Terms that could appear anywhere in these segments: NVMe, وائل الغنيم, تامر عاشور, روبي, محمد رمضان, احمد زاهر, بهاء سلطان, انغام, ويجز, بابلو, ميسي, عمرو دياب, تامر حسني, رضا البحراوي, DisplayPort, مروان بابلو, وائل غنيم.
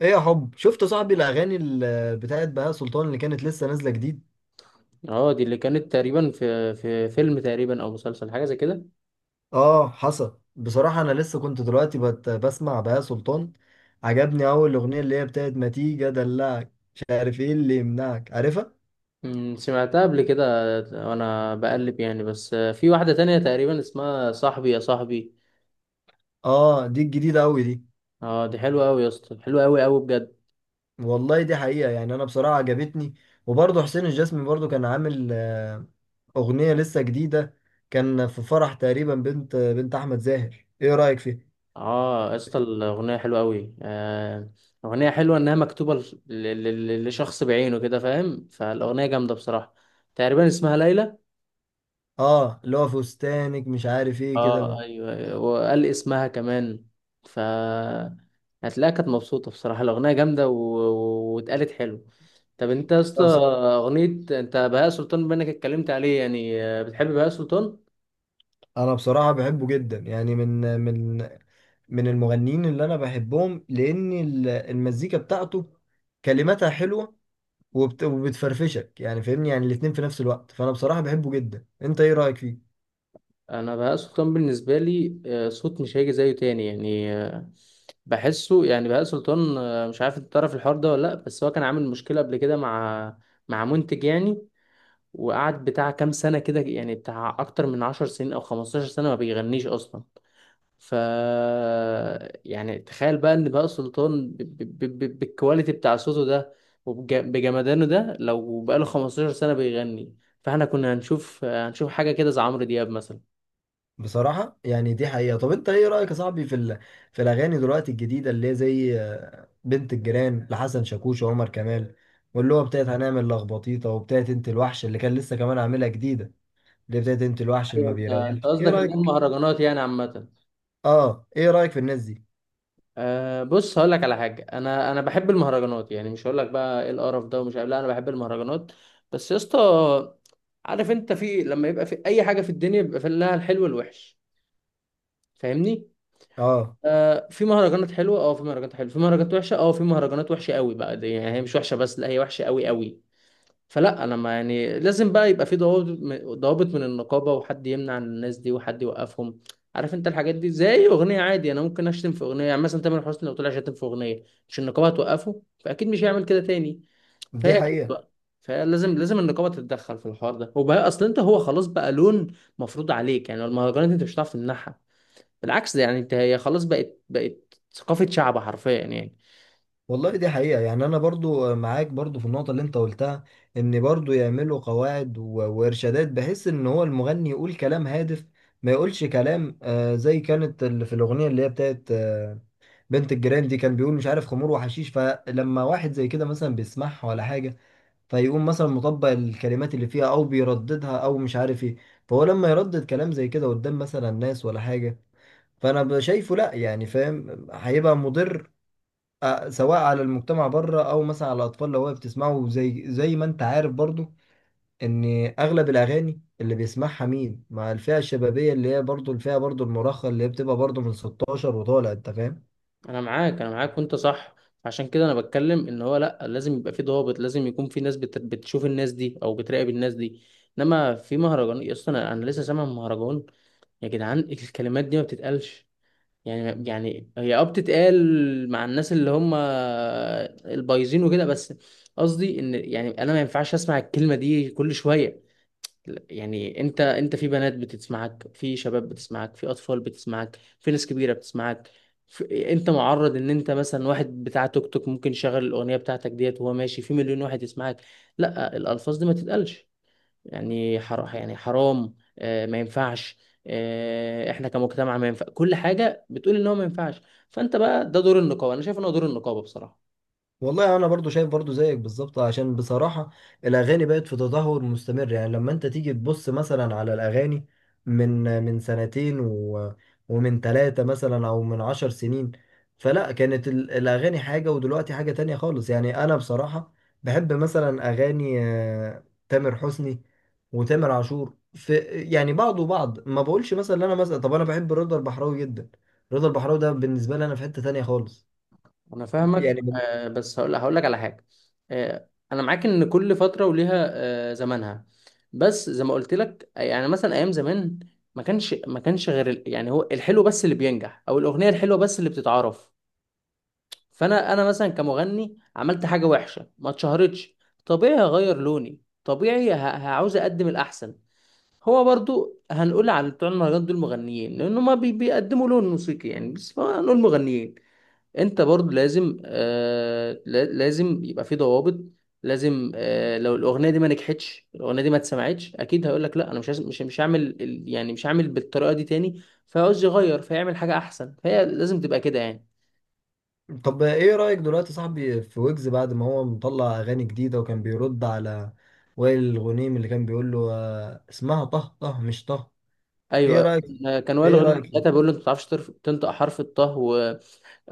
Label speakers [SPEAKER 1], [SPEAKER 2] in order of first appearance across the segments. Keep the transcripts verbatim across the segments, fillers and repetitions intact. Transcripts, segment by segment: [SPEAKER 1] ايه يا حب، شفت صاحبي الاغاني ال- بتاعت بهاء سلطان اللي كانت لسه نازله جديد؟
[SPEAKER 2] اه، دي اللي كانت تقريبا في في فيلم، تقريبا او مسلسل، حاجه زي كده.
[SPEAKER 1] اه حصل. بصراحه انا لسه كنت دلوقتي بت بسمع بهاء سلطان. عجبني اول اغنيه، اللي هي بتاعت ما تيجي ادلعك مش عارف ايه اللي يمنعك، عارفها؟
[SPEAKER 2] أمم، سمعتها قبل كده. وانا بقلب يعني، بس آه، في واحده تانية تقريبا اسمها صاحبي يا صاحبي.
[SPEAKER 1] اه دي الجديده قوي دي.
[SPEAKER 2] اه، دي حلوه قوي يا اسطى، حلوه قوي قوي بجد.
[SPEAKER 1] والله دي حقيقه، يعني انا بصراحه عجبتني. وبرضه حسين الجسمي برضه كان عامل آه، اغنيه لسه جديده. كان في فرح تقريبا، بنت بنت احمد زاهر، ايه رايك فيها؟
[SPEAKER 2] اه يا اسطى، الاغنيه حلوه قوي آه اغنيه حلوه انها مكتوبه ل- ل- ل- لشخص بعينه كده، فاهم؟ فالاغنيه جامده بصراحه. تقريبا اسمها ليلى.
[SPEAKER 1] اه اللي هو فستانك مش عارف ايه
[SPEAKER 2] اه،
[SPEAKER 1] كده.
[SPEAKER 2] ايوه ايوه، وقال اسمها كمان. ف هتلاقيها كانت مبسوطه بصراحه، الاغنيه جامده و... و- واتقالت حلو. طب انت يا اسطى اغنيه، انت بهاء سلطان بما انك اتكلمت عليه يعني، آه، بتحب بهاء سلطان؟
[SPEAKER 1] انا بصراحه بحبه جدا، يعني من من من المغنيين اللي انا بحبهم، لان ال- المزيكا بتاعته كلماتها حلوه، وبت- وبتفرفشك، يعني فاهمني، يعني الاتنين في نفس الوقت. فانا بصراحه بحبه جدا. انت ايه رايك فيه؟
[SPEAKER 2] انا بهاء سلطان بالنسبه لي آه، صوت مش هيجي زيه تاني يعني آه، بحسه يعني. بهاء سلطان آه، مش عارف انت تعرف الحوار ده ولا لا، بس هو كان عامل مشكله قبل كده، مع مع منتج يعني، وقعد بتاع كام سنه كده، يعني بتاع اكتر من عشر سنين او خمستاشر سنه ما بيغنيش اصلا. ف يعني تخيل بقى ان بقى سلطان ب... ب... ب... ب- بالكواليتي بتاع صوته ده وبجمدانه ده، لو بقاله خمسة عشر سنة بيغني، فاحنا كنا هنشوف هنشوف حاجة كده زي عمرو دياب مثلا.
[SPEAKER 1] بصراحه يعني دي حقيقه. طب انت ايه رايك يا صاحبي في ال... في الاغاني دلوقتي الجديده، اللي هي زي آه، بنت الجيران لحسن شاكوش وعمر كمال، واللي هو بتاعت هنعمل لخبطيطه، وبتاعت انت الوحش اللي كان لسه كمان عاملها جديده، اللي هي بتاعت انت الوحش اللي
[SPEAKER 2] ايوه،
[SPEAKER 1] ما
[SPEAKER 2] انت انت
[SPEAKER 1] بيريحش، ايه
[SPEAKER 2] قصدك اللي هي
[SPEAKER 1] رايك؟
[SPEAKER 2] المهرجانات يعني عامة.
[SPEAKER 1] اه، ايه رايك في الناس دي؟
[SPEAKER 2] أه بص، هقول لك على حاجة، انا انا بحب المهرجانات، يعني مش هقول لك بقى ايه القرف ده ومش عارف، لا انا بحب المهرجانات. بس يا اسطى، عارف انت، في لما يبقى في اي حاجة في الدنيا بيبقى في لها الحلو والوحش، فاهمني؟
[SPEAKER 1] اه
[SPEAKER 2] آه في مهرجانات حلوه، اه في مهرجانات حلوه، في مهرجانات وحشه، اه في مهرجانات وحشه قوي بقى. دي يعني هي مش وحشه بس، لا هي وحشه قوي قوي. فلا انا ما يعني، لازم بقى يبقى في ضوابط، ضوابط من النقابه، وحد يمنع الناس دي وحد يوقفهم. عارف انت الحاجات دي زي اغنيه عادي، انا ممكن اشتم في اغنيه. يعني مثلا تامر حسني لو طلع شتم في اغنيه، مش النقابه هتوقفه؟ فاكيد مش هيعمل كده تاني.
[SPEAKER 1] دي
[SPEAKER 2] فهي اكيد
[SPEAKER 1] حقيقة.
[SPEAKER 2] بقى، فلازم لازم النقابه تتدخل في الحوار ده. وبقى اصل انت، هو خلاص بقى لون مفروض عليك، يعني المهرجانات انت مش هتعرف تمنعها، بالعكس ده يعني، انت هي خلاص بقت بقت ثقافة شعب حرفيا يعني.
[SPEAKER 1] والله دي حقيقة، يعني انا برضو معاك برضو في النقطة اللي انت قلتها، ان برضو يعملوا قواعد و- وارشادات، بحيث ان هو المغني يقول كلام هادف، ما يقولش كلام آه زي كانت اللي في الاغنية اللي هي بتاعت آه بنت الجيران دي، كان بيقول مش عارف خمور وحشيش. فلما واحد زي كده مثلا بيسمعها ولا حاجة، فيقوم مثلا مطبق الكلمات اللي فيها، او بيرددها او مش عارف ايه. فهو لما يردد كلام زي كده قدام مثلا ناس ولا حاجة، فانا شايفه لا، يعني فاهم، هيبقى مضر، آه، سواء على المجتمع بره، او مثلا على الاطفال، لو هي بتسمعه، زي زي ما انت عارف برضو، ان اغلب الاغاني اللي بيسمعها مين؟ مع الفئه الشبابيه، اللي هي برضو الفئه برضو المراهقه، اللي هي بتبقى برضو من ستاشر وطالع، انت فاهم.
[SPEAKER 2] انا معاك انا معاك وانت صح، عشان كده انا بتكلم، ان هو لا لازم يبقى في ضوابط، لازم يكون في ناس بت... بتشوف الناس دي او بتراقب الناس دي. انما في مهرجان اصلا، انا أنا لسه سامع مهرجان، يا جدعان الكلمات دي ما بتتقالش. يعني يعني هي اه بتتقال مع الناس اللي هم البايظين وكده بس. قصدي ان يعني، انا ما ينفعش اسمع الكلمة دي كل شوية. يعني انت انت في بنات بتسمعك، في شباب بتسمعك، في اطفال بتسمعك، في ناس كبيره بتسمعك. في... انت معرض ان انت مثلا، واحد بتاع توك توك ممكن يشغل الاغنيه بتاعتك ديت وهو ماشي، في مليون واحد يسمعك. لا الالفاظ دي ما تتقالش، يعني حر... يعني حرام آه ما ينفعش. آه احنا كمجتمع، ما ينفع كل حاجه، بتقول ان هو ما ينفعش. فانت بقى ده دور النقابه، انا شايف ان هو دور النقابه بصراحه.
[SPEAKER 1] والله انا برضو شايف برضو زيك بالظبط، عشان بصراحة الاغاني بقت في تدهور مستمر، يعني لما انت تيجي تبص مثلا على الاغاني من من سنتين، و ومن ثلاثة مثلا، او من عشر سنين، فلا كانت ال- الاغاني حاجة، ودلوقتي حاجة تانية خالص. يعني انا بصراحة بحب مثلا اغاني آه، تامر حسني وتامر عاشور. في يعني بعض وبعض، ما بقولش مثلا إن انا مثلا، طب انا بحب رضا البحراوي جدا. رضا البحراوي ده بالنسبة لي انا في حتة تانية خالص،
[SPEAKER 2] انا فاهمك،
[SPEAKER 1] يعني.
[SPEAKER 2] آه، بس هقول هقول لك على حاجه. آه، انا معاك ان كل فتره وليها آه، زمانها. بس زي ما قلت لك، يعني مثلا ايام زمان، ما كانش ما كانش غير ال- يعني هو الحلو بس اللي بينجح، او الاغنيه الحلوه بس اللي بتتعرف. فانا انا مثلا كمغني عملت حاجه وحشه ما اتشهرتش، طبيعي هغير لوني، طبيعي ه- هعوز اقدم الاحسن. هو برضو، هنقول على بتوع المهرجانات دول مغنيين لان هما بي- بيقدموا لون موسيقي يعني، بس هنقول مغنيين. انت برضو لازم آه لا- لازم يبقى في ضوابط. لازم آه لو الاغنيه دي ما نجحتش، الاغنيه دي ما اتسمعتش، اكيد هيقول لك لا انا مش عايز- مش مش هعمل ال- يعني مش هعمل بالطريقه دي تاني، فعاوز يغير فيعمل حاجه احسن، فهي لازم تبقى كده يعني.
[SPEAKER 1] طب ايه رأيك دلوقتي يا صاحبي في ويجز بعد ما هو مطلع اغاني جديدة، وكان بيرد على وائل الغنيم، اللي كان بيقول له آه، اسمها طه طه مش طه؟ ايه
[SPEAKER 2] ايوه،
[SPEAKER 1] رأيك؟
[SPEAKER 2] آه، كان وائل
[SPEAKER 1] ايه
[SPEAKER 2] غنيم
[SPEAKER 1] رأيك؟
[SPEAKER 2] ساعتها بيقول له، انت ما بتعرفش ترف- تنطق حرف الطه.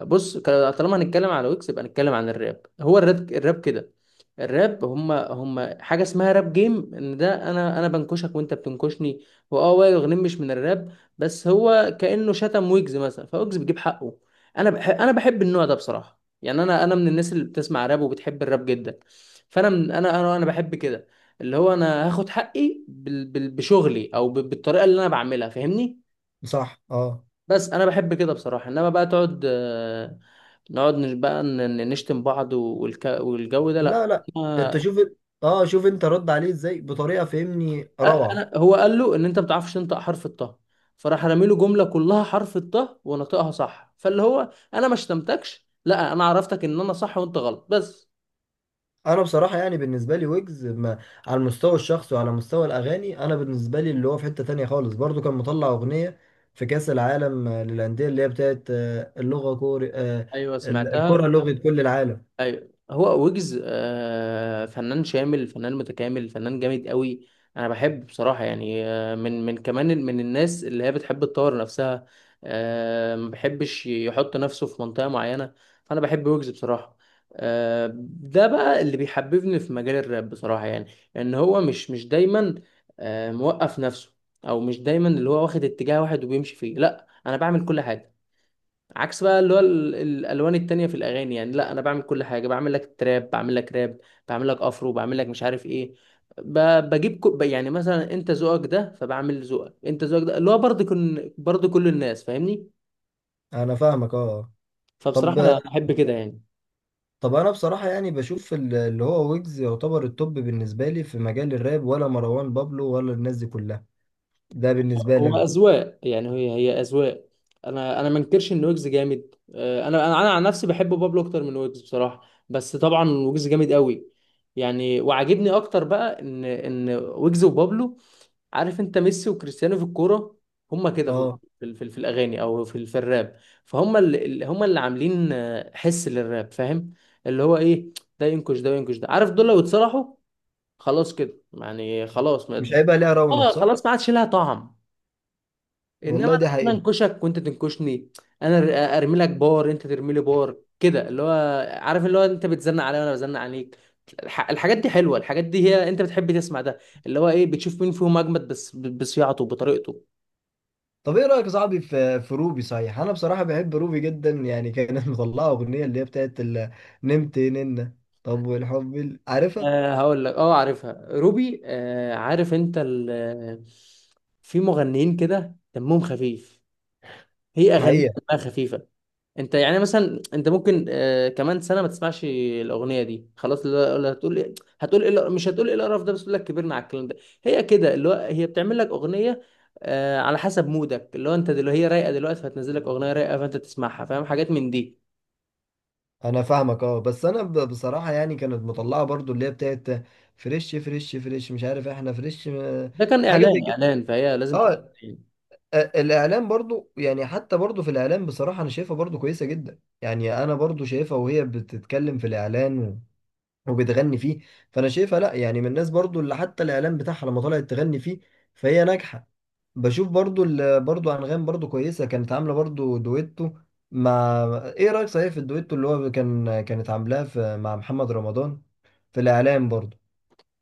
[SPEAKER 2] بص، ك- طالما هنتكلم على ويكس يبقى نتكلم عن الراب. هو الراب، الراب كده، الراب هما هما حاجه اسمها راب جيم ان، ده انا انا بنكشك وانت بتنكشني. واه، وائل غنيم مش من الراب، بس هو كانه شتم ويجز مثلا، فويجز بيجيب حقه. انا بحب انا بحب النوع ده بصراحه، يعني انا انا من الناس اللي بتسمع راب وبتحب الراب جدا. فانا من انا انا انا بحب كده، اللي هو انا هاخد حقي بال- بال- بشغلي او ب- بالطريقه اللي انا بعملها، فاهمني؟
[SPEAKER 1] صح اه.
[SPEAKER 2] بس انا بحب كده بصراحه، انما بقى تقعد، نقعد نش- بقى ن- ن- نشتم بعض والك... والجو ده،
[SPEAKER 1] لا
[SPEAKER 2] لا.
[SPEAKER 1] لا. انت
[SPEAKER 2] ما...
[SPEAKER 1] شوف، اه شوف انت رد عليه ازاي بطريقة فهمني
[SPEAKER 2] أ-
[SPEAKER 1] روعة.
[SPEAKER 2] انا، هو قال له ان انت ما بتعرفش تنطق حرف الطه، فراح رامي له جمله كلها حرف الطه ونطقها صح، فاللي هو انا ما شتمتكش، لا انا عرفتك ان انا صح وانت غلط بس.
[SPEAKER 1] انا بصراحه يعني بالنسبه لي ويجز، ما على المستوى الشخصي وعلى مستوى الاغاني، انا بالنسبه لي اللي هو في حته تانية خالص. برضو كان مطلع اغنيه في كاس العالم آه، للانديه، اللي هي بتاعت آه، اللغه كوري آه،
[SPEAKER 2] ايوه
[SPEAKER 1] ال- الكره
[SPEAKER 2] سمعتها.
[SPEAKER 1] لغه كل العالم.
[SPEAKER 2] ايوه هو ويجز آه، فنان شامل، فنان متكامل، فنان جامد قوي. انا بحب بصراحه، يعني آه، من من كمان ال- من الناس اللي هي بتحب تطور نفسها. آه، ما بحبش يحط نفسه في منطقه معينه، فانا بحب ويجز بصراحه. آه، ده بقى اللي بيحببني في مجال الراب بصراحه، يعني ان هو مش مش دايما آه، موقف نفسه، او مش دايما اللي هو واخد اتجاه واحد وبيمشي فيه. لا انا بعمل كل حاجه، عكس بقى اللي هو ال- الالوان التانية في الاغاني يعني. لا انا بعمل كل حاجه، بعمل لك تراب، بعمل لك راب، بعمل لك افرو، بعمل لك مش عارف ايه. ب- بجيب كو ب- يعني مثلا انت ذوقك ده، فبعمل ذوقك، انت ذوقك ده اللي هو برضه كن برضه كل الناس، فاهمني؟
[SPEAKER 1] انا فاهمك اه. طب
[SPEAKER 2] فبصراحه انا احب كده يعني.
[SPEAKER 1] طب انا بصراحه يعني بشوف ال- اللي هو ويجز يعتبر التوب بالنسبه لي في مجال الراب، ولا مروان بابلو ولا الناس دي كلها؟ ده بالنسبه لي
[SPEAKER 2] هو
[SPEAKER 1] انا.
[SPEAKER 2] اذواق، يعني هي هي اذواق. انا انا ما انكرش ان ويجز جامد، آه، انا انا انا عن نفسي بحب بابلو اكتر من ويجز بصراحه. بس طبعا ويجز جامد قوي يعني. وعاجبني اكتر بقى ان ان ويجز وبابلو، عارف انت ميسي وكريستيانو في الكوره، هما كده في،
[SPEAKER 1] اه.
[SPEAKER 2] في, في, في الاغاني او في في الراب. فهم اللي هم اللي عاملين آه، حس للراب، فاهم؟ اللي هو ايه، ده ينكش ده وينكش ده. عارف دول لو اتصلحوا خلاص كده يعني، خلاص
[SPEAKER 1] مش
[SPEAKER 2] ما
[SPEAKER 1] هيبقى ليها رونق،
[SPEAKER 2] اه
[SPEAKER 1] صح؟
[SPEAKER 2] خلاص ما عادش لها طعم. انما
[SPEAKER 1] والله دي
[SPEAKER 2] انا
[SPEAKER 1] حقيقه.
[SPEAKER 2] انكشك وانت تنكشني، انا أر- ارمي لك بار، انت ترمي لي بار كده، اللي هو عارف اللي هو انت بتزنق عليا وانا بزنق عليك. الح- الحاجات دي حلوه، الحاجات دي هي انت بتحب تسمع ده، اللي هو ايه، بتشوف مين فيهم اجمد، بس ب- بصياعته بطريقته.
[SPEAKER 1] طب ايه رايك يا صاحبي في في روبي؟ صحيح، انا بصراحه بحب روبي جدا، يعني كانت مطلعه اغنيه اللي هي بتاعت ال- نمت ننه. طب والحب ال- عارفها؟
[SPEAKER 2] أه، هقول لك، اه عارفها روبي. أه عارف انت، ال- في مغنيين كده دمهم خفيف، هي اغانيها
[SPEAKER 1] حقيقه.
[SPEAKER 2] دمها خفيفه. انت يعني مثلا، انت ممكن آه كمان سنه ما تسمعش الاغنيه دي خلاص، لا- لا هتقول ايه، هتقول ايه الق- مش هتقول ايه القرف ده، بس تقول لك كبرنا على الكلام ده. هي كده، اللي هو هي بتعمل لك اغنيه آه على حسب مودك، اللي هو انت دلوقتي هي رايقه دلوقتي، فهتنزل لك اغنيه رايقه، فانت تسمعها، فاهم حاجات من دي.
[SPEAKER 1] انا فاهمك اه. بس انا ب- بصراحه يعني كانت مطلعه برضو اللي هي بتاعت فريش فريش فريش مش عارف، احنا فريش م-
[SPEAKER 2] ده كان
[SPEAKER 1] حاجه زي
[SPEAKER 2] اعلان
[SPEAKER 1] كده.
[SPEAKER 2] اعلان، فهي لازم تبقى.
[SPEAKER 1] اه. آه، الاعلام برضو، يعني حتى برضو في الاعلام بصراحه انا شايفها برضو كويسه جدا، يعني انا برضو شايفها وهي بتتكلم في الاعلان وبتغني فيه، فانا شايفها لا، يعني من الناس برضو اللي حتى الاعلان بتاعها لما طلعت تغني فيه، فهي ناجحه. بشوف برضو ال- برضو انغام برضو كويسه، كانت عامله برضو دويتو مع، ايه رايك صحيح في الدويتو اللي هو كان كانت عاملاه في مع محمد رمضان في الاعلان برضو؟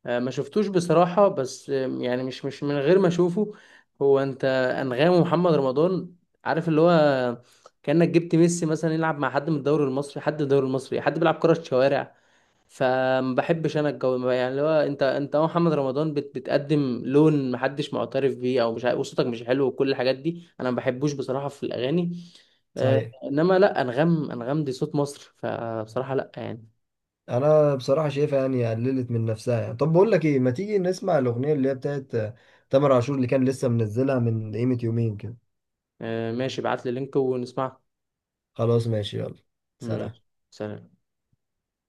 [SPEAKER 2] آه، ما شفتوش بصراحة، بس آم، يعني مش مش من غير ما اشوفه. هو انت، انغام ومحمد رمضان، عارف اللي هو، كأنك جبت ميسي مثلا يلعب مع حد من الدوري المصري، حد من الدوري المصري، حد بيلعب كرة شوارع. فما بحبش انا الجو، يعني اللي هو انت انت أهو، محمد رمضان بت بتقدم لون محدش معترف بيه، او مش عارف- وصوتك مش حلو وكل الحاجات دي، انا ما بحبوش بصراحة في الاغاني. آه،
[SPEAKER 1] صحيح.
[SPEAKER 2] انما لا، انغام، انغام دي صوت مصر، فبصراحة لا يعني.
[SPEAKER 1] انا بصراحه شايفها يعني قللت من نفسها، يعني. طب بقول لك ايه، ما تيجي نسمع الاغنيه اللي هي بتاعت آه، تامر عاشور، اللي كان لسه منزلها من قيمه يومين كده؟
[SPEAKER 2] آه، ماشي، ابعت لي لينك ونسمعه.
[SPEAKER 1] خلاص ماشي، يلا. سلام.
[SPEAKER 2] ماشي. سلام.